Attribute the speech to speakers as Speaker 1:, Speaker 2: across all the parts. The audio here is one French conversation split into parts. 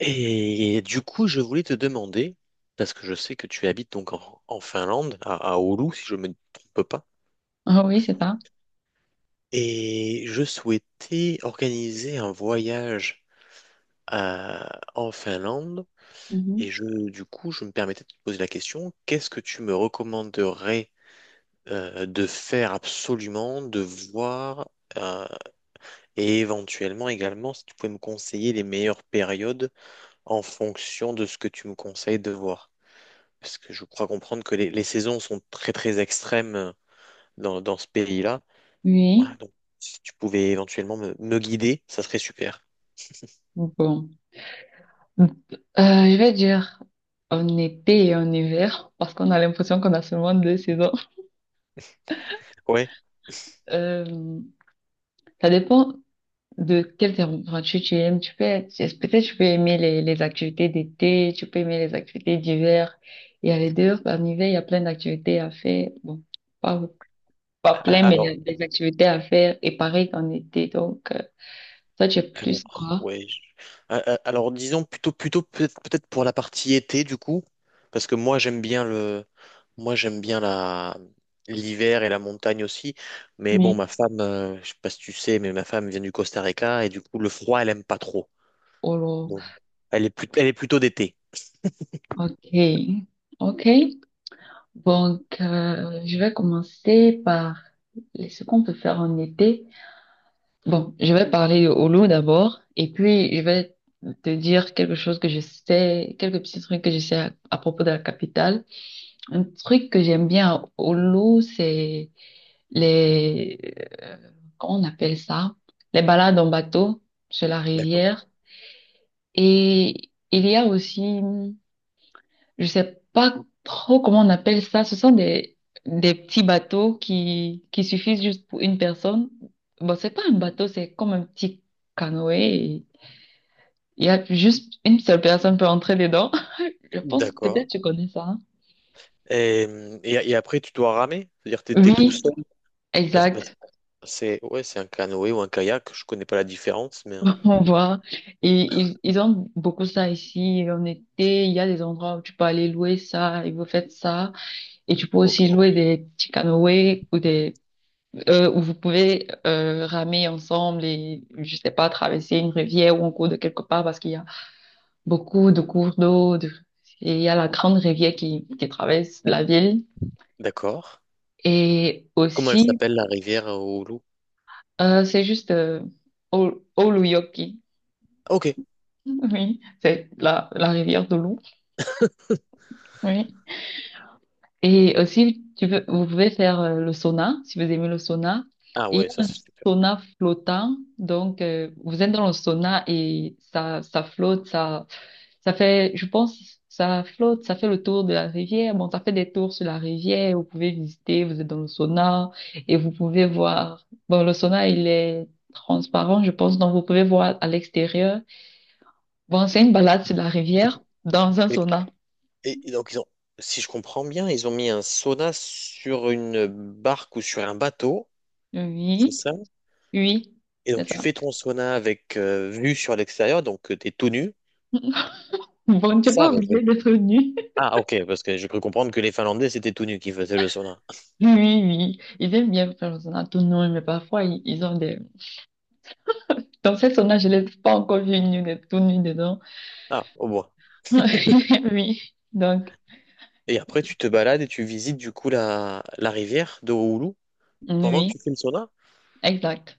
Speaker 1: Et du coup, je voulais te demander, parce que je sais que tu habites donc en Finlande, à Oulu, si je ne me trompe pas,
Speaker 2: Ah oui, c'est ça.
Speaker 1: et je souhaitais organiser un voyage en Finlande,
Speaker 2: Mhm.
Speaker 1: et je, du coup, je me permettais de te poser la question, qu'est-ce que tu me recommanderais, de faire absolument, de voir, euh, et éventuellement également, si tu pouvais me conseiller les meilleures périodes en fonction de ce que tu me conseilles de voir. Parce que je crois comprendre que les saisons sont très très extrêmes, dans ce pays-là. Voilà,
Speaker 2: Oui.
Speaker 1: donc si tu pouvais éventuellement me guider, ça serait super.
Speaker 2: Bon. Euh, je vais dire en été et en hiver, parce qu'on a l'impression qu'on a seulement deux saisons.
Speaker 1: Ouais.
Speaker 2: Euh, ça dépend de quelle température tu aimes. Peut-être tu peux aimer les activités d'été, tu peux aimer les activités d'hiver. Il y a les deux. En hiver, il y a plein d'activités à faire. Bon, pas, pas
Speaker 1: A-
Speaker 2: plein, mais il y
Speaker 1: Alors,
Speaker 2: a des activités à faire. Et pareil qu'en été. Donc, ça, tu es plus
Speaker 1: alors,
Speaker 2: quoi?
Speaker 1: ouais. je- Alors, disons plutôt peut-être pour la partie été du coup, parce que moi j'aime bien la l'hiver et la montagne aussi. Mais bon,
Speaker 2: Oui.
Speaker 1: ma femme, je sais pas si tu sais, mais ma femme vient du Costa Rica et du coup le froid elle aime pas trop. Donc, elle est plutôt d'été.
Speaker 2: Ok, ok. Donc, je vais commencer par ce qu'on peut faire en été. Bon, je vais parler au loup d'abord, et puis je vais te dire quelque chose que je sais, quelques petits trucs que je sais à propos de la capitale. Un truc que j'aime bien à Oulu, les, euh, comment on appelle ça? Les balades en bateau sur la
Speaker 1: D'accord.
Speaker 2: rivière. Et il y a aussi je sais pas trop comment on appelle ça. Ce sont des petits bateaux qui suffisent juste pour une personne. Bon, c'est pas un bateau, c'est comme un petit canoë. Et il y a juste une seule personne peut entrer dedans. Je pense, peut-être
Speaker 1: D'accord.
Speaker 2: tu connais ça, hein.
Speaker 1: Et, et après, tu dois ramer? C'est-à-dire que tu es tout
Speaker 2: Oui,
Speaker 1: seul? Bah, c'est, bah,
Speaker 2: exact.
Speaker 1: ouais, c'est un canoë ou un kayak. Je connais pas la différence, mais...
Speaker 2: On voit. Et ils ont beaucoup ça ici. En été, il y a des endroits où tu peux aller louer ça et vous faites ça. Et tu peux
Speaker 1: ok,
Speaker 2: aussi louer des petits canoës ou des où vous pouvez ramer ensemble et, je sais pas, traverser une rivière ou un cours de quelque part parce qu'il y a beaucoup de cours d'eau. Et il y a la grande rivière qui traverse la ville.
Speaker 1: d'accord.
Speaker 2: Et
Speaker 1: Comment elle
Speaker 2: aussi,
Speaker 1: s'appelle, la rivière, au loup?
Speaker 2: c'est juste Oluyoki.
Speaker 1: Ok.
Speaker 2: Oui, c'est la rivière de l'eau. Oui. Et aussi, vous pouvez faire le sauna, si vous aimez le sauna.
Speaker 1: Ah
Speaker 2: Et il y
Speaker 1: ouais, ça
Speaker 2: a un
Speaker 1: c'est super.
Speaker 2: sauna flottant. Donc, vous êtes dans le sauna et ça flotte, ça fait, je pense, ça flotte, ça fait le tour de la rivière. Bon, ça fait des tours sur la rivière. Vous pouvez visiter, vous êtes dans le sauna et vous pouvez voir. Bon, le sauna, il est transparent, je pense, donc vous pouvez voir à l'extérieur. Bon, c'est une balade sur la rivière dans un sauna.
Speaker 1: Et donc, ils ont, si je comprends bien, ils ont mis un sauna sur une barque ou sur un bateau, c'est
Speaker 2: Oui,
Speaker 1: ça?
Speaker 2: oui,
Speaker 1: Et
Speaker 2: c'est
Speaker 1: donc, tu
Speaker 2: ça.
Speaker 1: fais ton sauna avec, vue sur l'extérieur, donc t'es tout nu.
Speaker 2: Bon, tu
Speaker 1: C'est
Speaker 2: n'es
Speaker 1: ça?
Speaker 2: pas obligé d'être nu.
Speaker 1: Ah, ok, parce que je peux comprendre que les Finlandais, c'était tout nu qui faisaient le sauna.
Speaker 2: Oui, oui, ils aiment bien faire le sauna tout nu, mais parfois, ils ont des... Dans ces saunas, je ne l'ai pas encore vu une nue, tout nu dedans.
Speaker 1: Ah, au bois.
Speaker 2: Oui, donc...
Speaker 1: Et après, tu te balades et tu visites du coup la rivière de Oulu
Speaker 2: Oui,
Speaker 1: pendant que
Speaker 2: oui,
Speaker 1: tu fais le sauna?
Speaker 2: exact.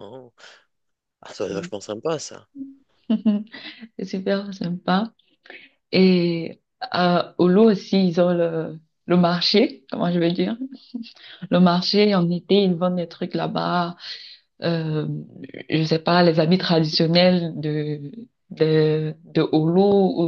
Speaker 1: Oh. Ah, ça doit être
Speaker 2: Ouais.
Speaker 1: vachement sympa, ça.
Speaker 2: C'est super sympa. Et à Oulu aussi, ils ont le marché, comment je vais dire. Le marché, en été, ils vendent des trucs là-bas. Euh, je sais pas, les habits traditionnels de Oulu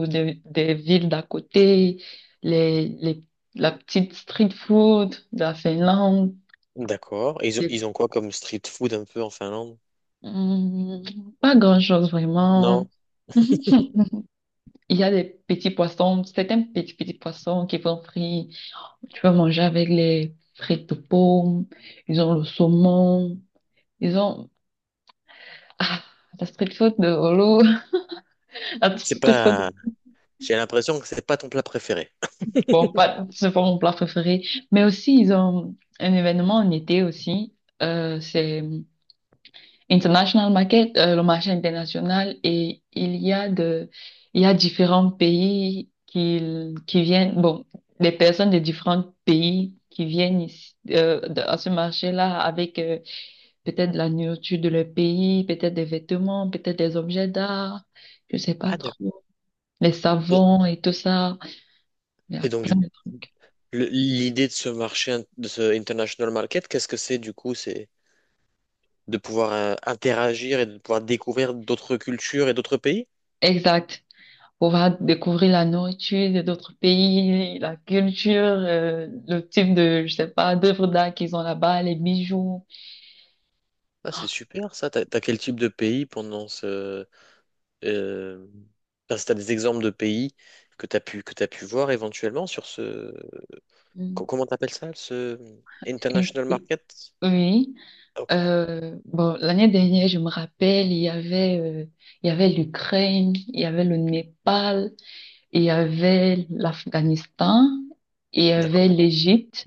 Speaker 2: ou des villes d'à côté, les, les, la petite street food de la Finlande.
Speaker 1: D'accord. Et ils ont, ils
Speaker 2: C'est-
Speaker 1: ont quoi comme street food un peu en Finlande?
Speaker 2: Hmm, Pas grand-chose vraiment.
Speaker 1: Non,
Speaker 2: Il y a des petits poissons, certains petits poissons qui vont frits. Tu peux manger avec les frites de pommes. Ils ont le saumon. Ils ont ah, la street food de Holo. La
Speaker 1: c'est
Speaker 2: street
Speaker 1: pas.
Speaker 2: food
Speaker 1: J'ai l'impression que c'est pas ton plat préféré.
Speaker 2: Bon, pas c'est pas mon plat préféré. Mais aussi ils ont un événement en été aussi. C'est International market, le marché international, et il y a différents pays qui viennent, bon, des personnes de différents pays qui viennent ici, à ce marché-là avec peut-être de la nourriture de leur pays, peut-être des vêtements, peut-être des objets d'art, je sais pas
Speaker 1: Ah, d'accord.
Speaker 2: trop, les
Speaker 1: Et,
Speaker 2: savons et tout ça. Il y a
Speaker 1: et donc,
Speaker 2: plein
Speaker 1: du,
Speaker 2: de trucs.
Speaker 1: L'idée de ce marché, de ce international market, qu'est-ce que c'est du coup? C'est de pouvoir, interagir et de pouvoir découvrir d'autres cultures et d'autres pays?
Speaker 2: Exact. Pouvoir découvrir la nourriture de d'autres pays, la culture, le type de, je sais pas, d'œuvres d'art qu'ils ont là-bas, les bijoux.
Speaker 1: Ah, c'est super ça. T'as, t'as quel type de pays pendant ce. Euh, enfin, si t'as des exemples de pays que t'as pu voir éventuellement sur ce.
Speaker 2: Mm.
Speaker 1: Comment t'appelles ça? Ce
Speaker 2: Et-
Speaker 1: international
Speaker 2: et-
Speaker 1: market?
Speaker 2: oui.
Speaker 1: Ah, ok,
Speaker 2: Bon, l'année dernière, je me rappelle, il y avait l'Ukraine, il y avait le Népal. Il y avait l'Afghanistan, il y avait
Speaker 1: d'accord.
Speaker 2: l'Égypte.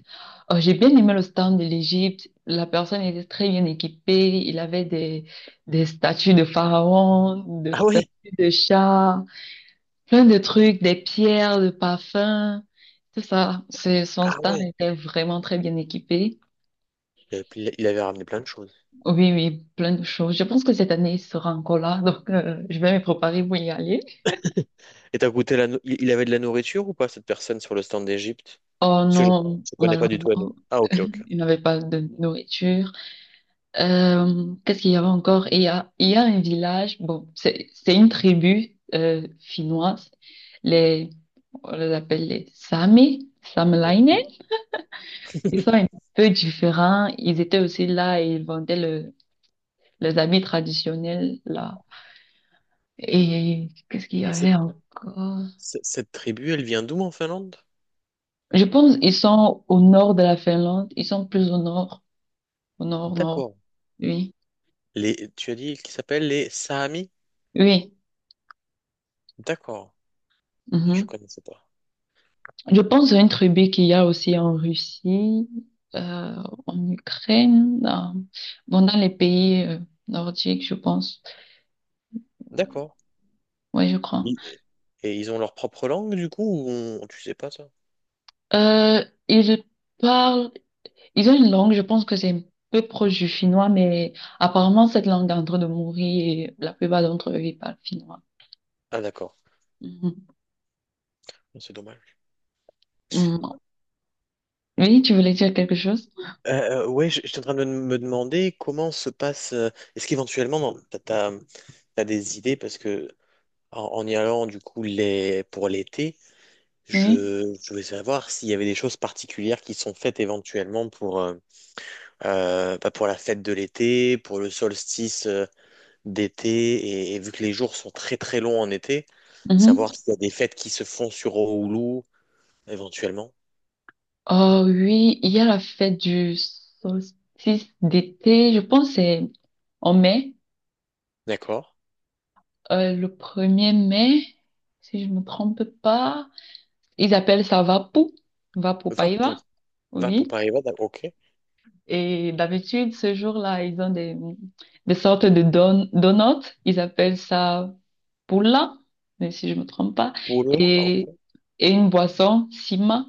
Speaker 2: Oh, j'ai bien aimé le stand de l'Égypte. La personne était très bien équipée. Il avait des statues de pharaons, de
Speaker 1: Ah
Speaker 2: statues
Speaker 1: oui,
Speaker 2: de chats, plein de trucs, des pierres, de parfums. Tout ça. Son
Speaker 1: ah
Speaker 2: stand
Speaker 1: ouais.
Speaker 2: était vraiment très bien équipé.
Speaker 1: Il avait, il avait ramené plein de choses.
Speaker 2: Oui, oui, plein de choses. Je pense que cette année, il sera encore là. Donc, je vais me préparer pour y aller.
Speaker 1: Et t'as goûté la... Il avait de la nourriture ou pas, cette personne sur le stand d'Égypte?
Speaker 2: Oh
Speaker 1: Parce que je
Speaker 2: non,
Speaker 1: ne connais pas du tout à nous.
Speaker 2: malheureusement,
Speaker 1: Ah, ok, ok.
Speaker 2: il n'avait pas de nourriture. Qu'est-ce qu'il y avait encore? Il y a un village, bon, c'est une tribu finnoise, les, on les appelle les Sami, Saamelainen.
Speaker 1: Mhm.
Speaker 2: Ils sont un peu différents, ils étaient aussi là et ils vendaient les habits traditionnels là. Et qu'est-ce qu'il y
Speaker 1: Et
Speaker 2: avait encore?
Speaker 1: cette tribu, elle vient d'où en Finlande?
Speaker 2: Je pense qu'ils sont au nord de la Finlande, ils sont plus au nord, nord,
Speaker 1: D'accord.
Speaker 2: oui,
Speaker 1: Les... Tu as dit qu'ils s'appellent les Saamis?
Speaker 2: oui.
Speaker 1: D'accord. Ah, je
Speaker 2: Mhm.
Speaker 1: connaissais pas.
Speaker 2: Je pense à une tribu qu'il y a aussi en Russie, euh, en Ukraine, bon, dans les pays nordiques, je pense.
Speaker 1: D'accord.
Speaker 2: Oui, je crois.
Speaker 1: Et et ils ont leur propre langue, du coup, tu sais pas ça?
Speaker 2: Euh, ils parlent, Ils ont une langue, je pense que c'est un peu proche du finnois, mais apparemment cette langue est en train de mourir et la plupart d'entre eux, ils parlent finnois.
Speaker 1: Ah, d'accord.
Speaker 2: Mhm.
Speaker 1: C'est dommage.
Speaker 2: Mhm. Oui, tu voulais dire quelque chose?
Speaker 1: Ouais, j'étais en train de me demander comment se passe. Est-ce qu'éventuellement, t'as des idées parce que en y allant, du coup, pour l'été,
Speaker 2: Oui.
Speaker 1: je voulais savoir s'il y avait des choses particulières qui sont faites éventuellement pour, bah, pour la fête de l'été, pour le solstice, d'été, et vu que les jours sont très très longs en été, savoir
Speaker 2: Mhm.
Speaker 1: s'il y a des fêtes qui se font sur Oulu, éventuellement.
Speaker 2: Oh oui, il y a la fête du solstice d'été, je pense que c'est en mai.
Speaker 1: D'accord.
Speaker 2: Le premier mai, si je me trompe pas. Ils appellent ça Vapu, Vapu
Speaker 1: Va pour.
Speaker 2: Paiva,
Speaker 1: Va
Speaker 2: oui.
Speaker 1: ok.
Speaker 2: Et d'habitude, ce jour-là, ils ont des sortes de donuts. Ils appellent ça Pula, mais si je me trompe pas.
Speaker 1: Poule, ah,
Speaker 2: Et,
Speaker 1: ok.
Speaker 2: et une boisson, Sima.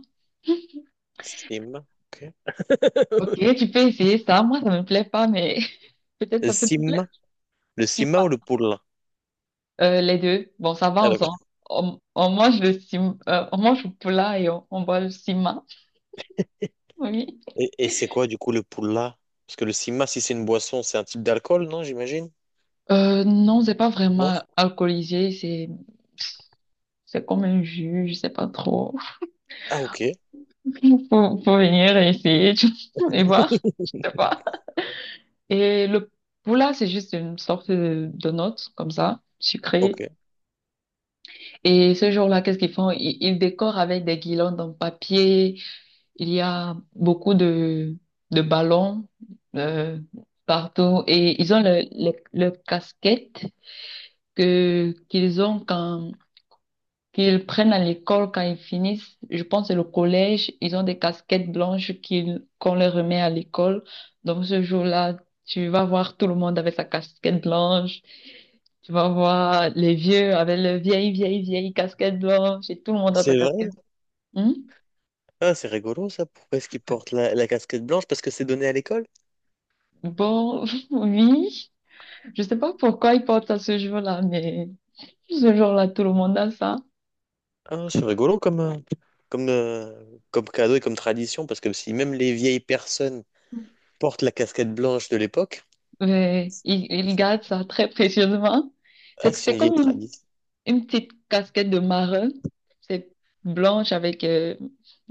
Speaker 1: Sima. Ok.
Speaker 2: Ok, tu peux essayer ça. Moi, ça me plaît pas, mais peut-être
Speaker 1: Le
Speaker 2: ça peut te
Speaker 1: Sim,
Speaker 2: plaire.
Speaker 1: le Sima ou
Speaker 2: Sima.
Speaker 1: le Poule?
Speaker 2: Les deux. Bon, ça va ensemble. On mange le sima, on mange le plat et on boit le sima. Oui.
Speaker 1: Et c'est quoi du coup le pulla? Parce que le sima, si c'est une boisson, c'est un type d'alcool, non, j'imagine?
Speaker 2: Non, c'est pas
Speaker 1: Non?
Speaker 2: vraiment alcoolisé, c'est comme un jus, je sais pas trop.
Speaker 1: Ah ok,
Speaker 2: Faut venir essayer tu vois, et voir, je sais pas. Et le poula, c'est juste une sorte de note comme ça,
Speaker 1: ok.
Speaker 2: sucrée. Et ce jour-là, qu'est-ce qu'ils font? Ils décorent avec des guirlandes en papier. Il y a beaucoup de ballons euh, partout et ils ont le casquette que qu'ils ont quand qu'ils prennent à l'école quand ils finissent. Je pense que le collège, ils ont des casquettes blanches qu'on leur remet à l'école. Donc ce jour-là, tu vas voir tout le monde avec sa casquette blanche. Tu vas voir les vieux avec le vieille, vieille, vieille casquette blanche et tout le monde a sa
Speaker 1: C'est
Speaker 2: casquette.
Speaker 1: vrai?
Speaker 2: Hmm?
Speaker 1: Ah c'est rigolo ça. Pourquoi est-ce qu'il porte la casquette blanche? Parce que c'est donné à l'école?
Speaker 2: Bon, oui. Je sais pas pourquoi ils portent ça ce jour-là, mais ce jour-là, tout le monde a ça.
Speaker 1: Ah c'est rigolo comme, comme cadeau et comme tradition. Parce que si même les vieilles personnes portent la casquette blanche de l'époque,
Speaker 2: Mais
Speaker 1: ils
Speaker 2: ils
Speaker 1: savent.
Speaker 2: gardent ça très précieusement.
Speaker 1: Ah
Speaker 2: C'est, que
Speaker 1: c'est
Speaker 2: c'est
Speaker 1: une vieille
Speaker 2: comme
Speaker 1: tradition.
Speaker 2: une petite casquette de marin. C'est blanche avec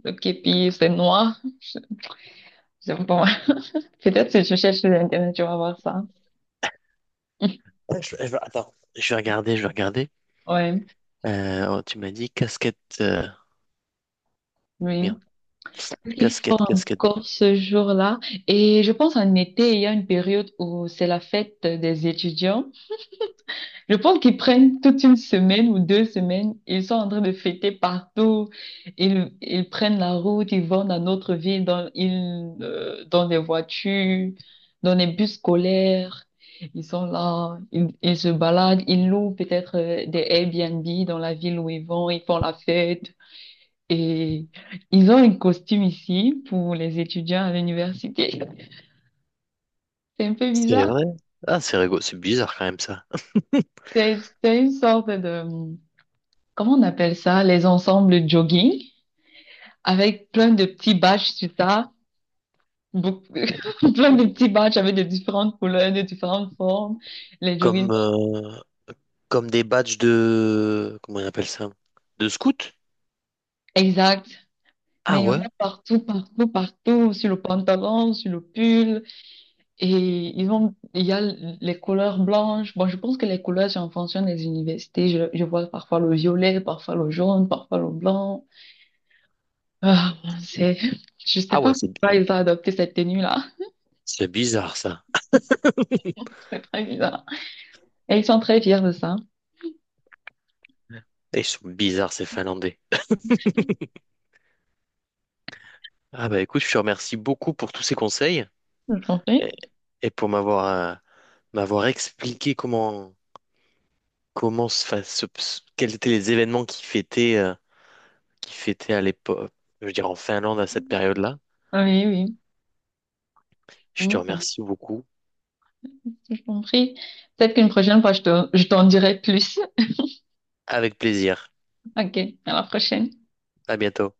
Speaker 2: le képi, c'est noir. J'aime pas. Peut-être si tu cherches sur Internet, tu vas voir ça.
Speaker 1: Ah, je attends, je vais regarder, je vais regarder.
Speaker 2: Ouais,
Speaker 1: Oh, tu m'as dit casquette.
Speaker 2: oui.
Speaker 1: Merde,
Speaker 2: Il faut
Speaker 1: casquette, casquette.
Speaker 2: encore ce jour-là. Et je pense en été, il y a une période où c'est la fête des étudiants. Je pense qu'ils prennent toute une semaine ou 2 semaines, ils sont en train de fêter partout, ils prennent la route, ils vont dans notre ville, dans des voitures, dans des bus scolaires, ils sont là, ils se baladent, ils louent peut-être des Airbnb dans la ville où ils vont, ils font la fête et ils ont un costume ici pour les étudiants à l'université. C'est un peu
Speaker 1: C'est
Speaker 2: bizarre,
Speaker 1: vrai? Ah, c'est rigolo, c'est bizarre quand même ça.
Speaker 2: c'est c'est une sorte de, comment on appelle ça, les ensembles jogging, avec plein de petits badges sur ça, beaucoup- plein de petits badges avec de différentes couleurs, de différentes formes, les jogging.
Speaker 1: Comme, comme des badges de... Comment on appelle ça? De scout?
Speaker 2: Exact.
Speaker 1: Ah
Speaker 2: Mais il y en
Speaker 1: ouais?
Speaker 2: a partout, partout, partout, sur le pantalon, sur le pull. Et il y a les couleurs blanches. Bon, je pense que les couleurs, c'est en fonction des universités. Je vois parfois le violet, parfois le jaune, parfois le blanc. Ah, bon, je sais
Speaker 1: Ah
Speaker 2: pas
Speaker 1: ouais, c'est bi-
Speaker 2: pourquoi ils ont adopté cette tenue-là.
Speaker 1: c'est bizarre ça.
Speaker 2: C'est très bizarre. Et ils sont très fiers de ça,
Speaker 1: Et ils sont bizarres ces Finlandais. Ah bah écoute, je te remercie beaucoup pour tous ces conseils
Speaker 2: je
Speaker 1: et,
Speaker 2: comprends.
Speaker 1: et pour m'avoir, euh, m'avoir expliqué comment se fa- se- se- quels étaient les événements qui fêtaient, qui fêtaient à l'époque, je veux dire en Finlande à cette période-là.
Speaker 2: Oui,
Speaker 1: Je te
Speaker 2: oui.
Speaker 1: remercie beaucoup.
Speaker 2: J'ai compris. Peut-être qu'une prochaine fois, je t'en dirai plus.
Speaker 1: Avec plaisir.
Speaker 2: Ok, à la prochaine.
Speaker 1: À bientôt.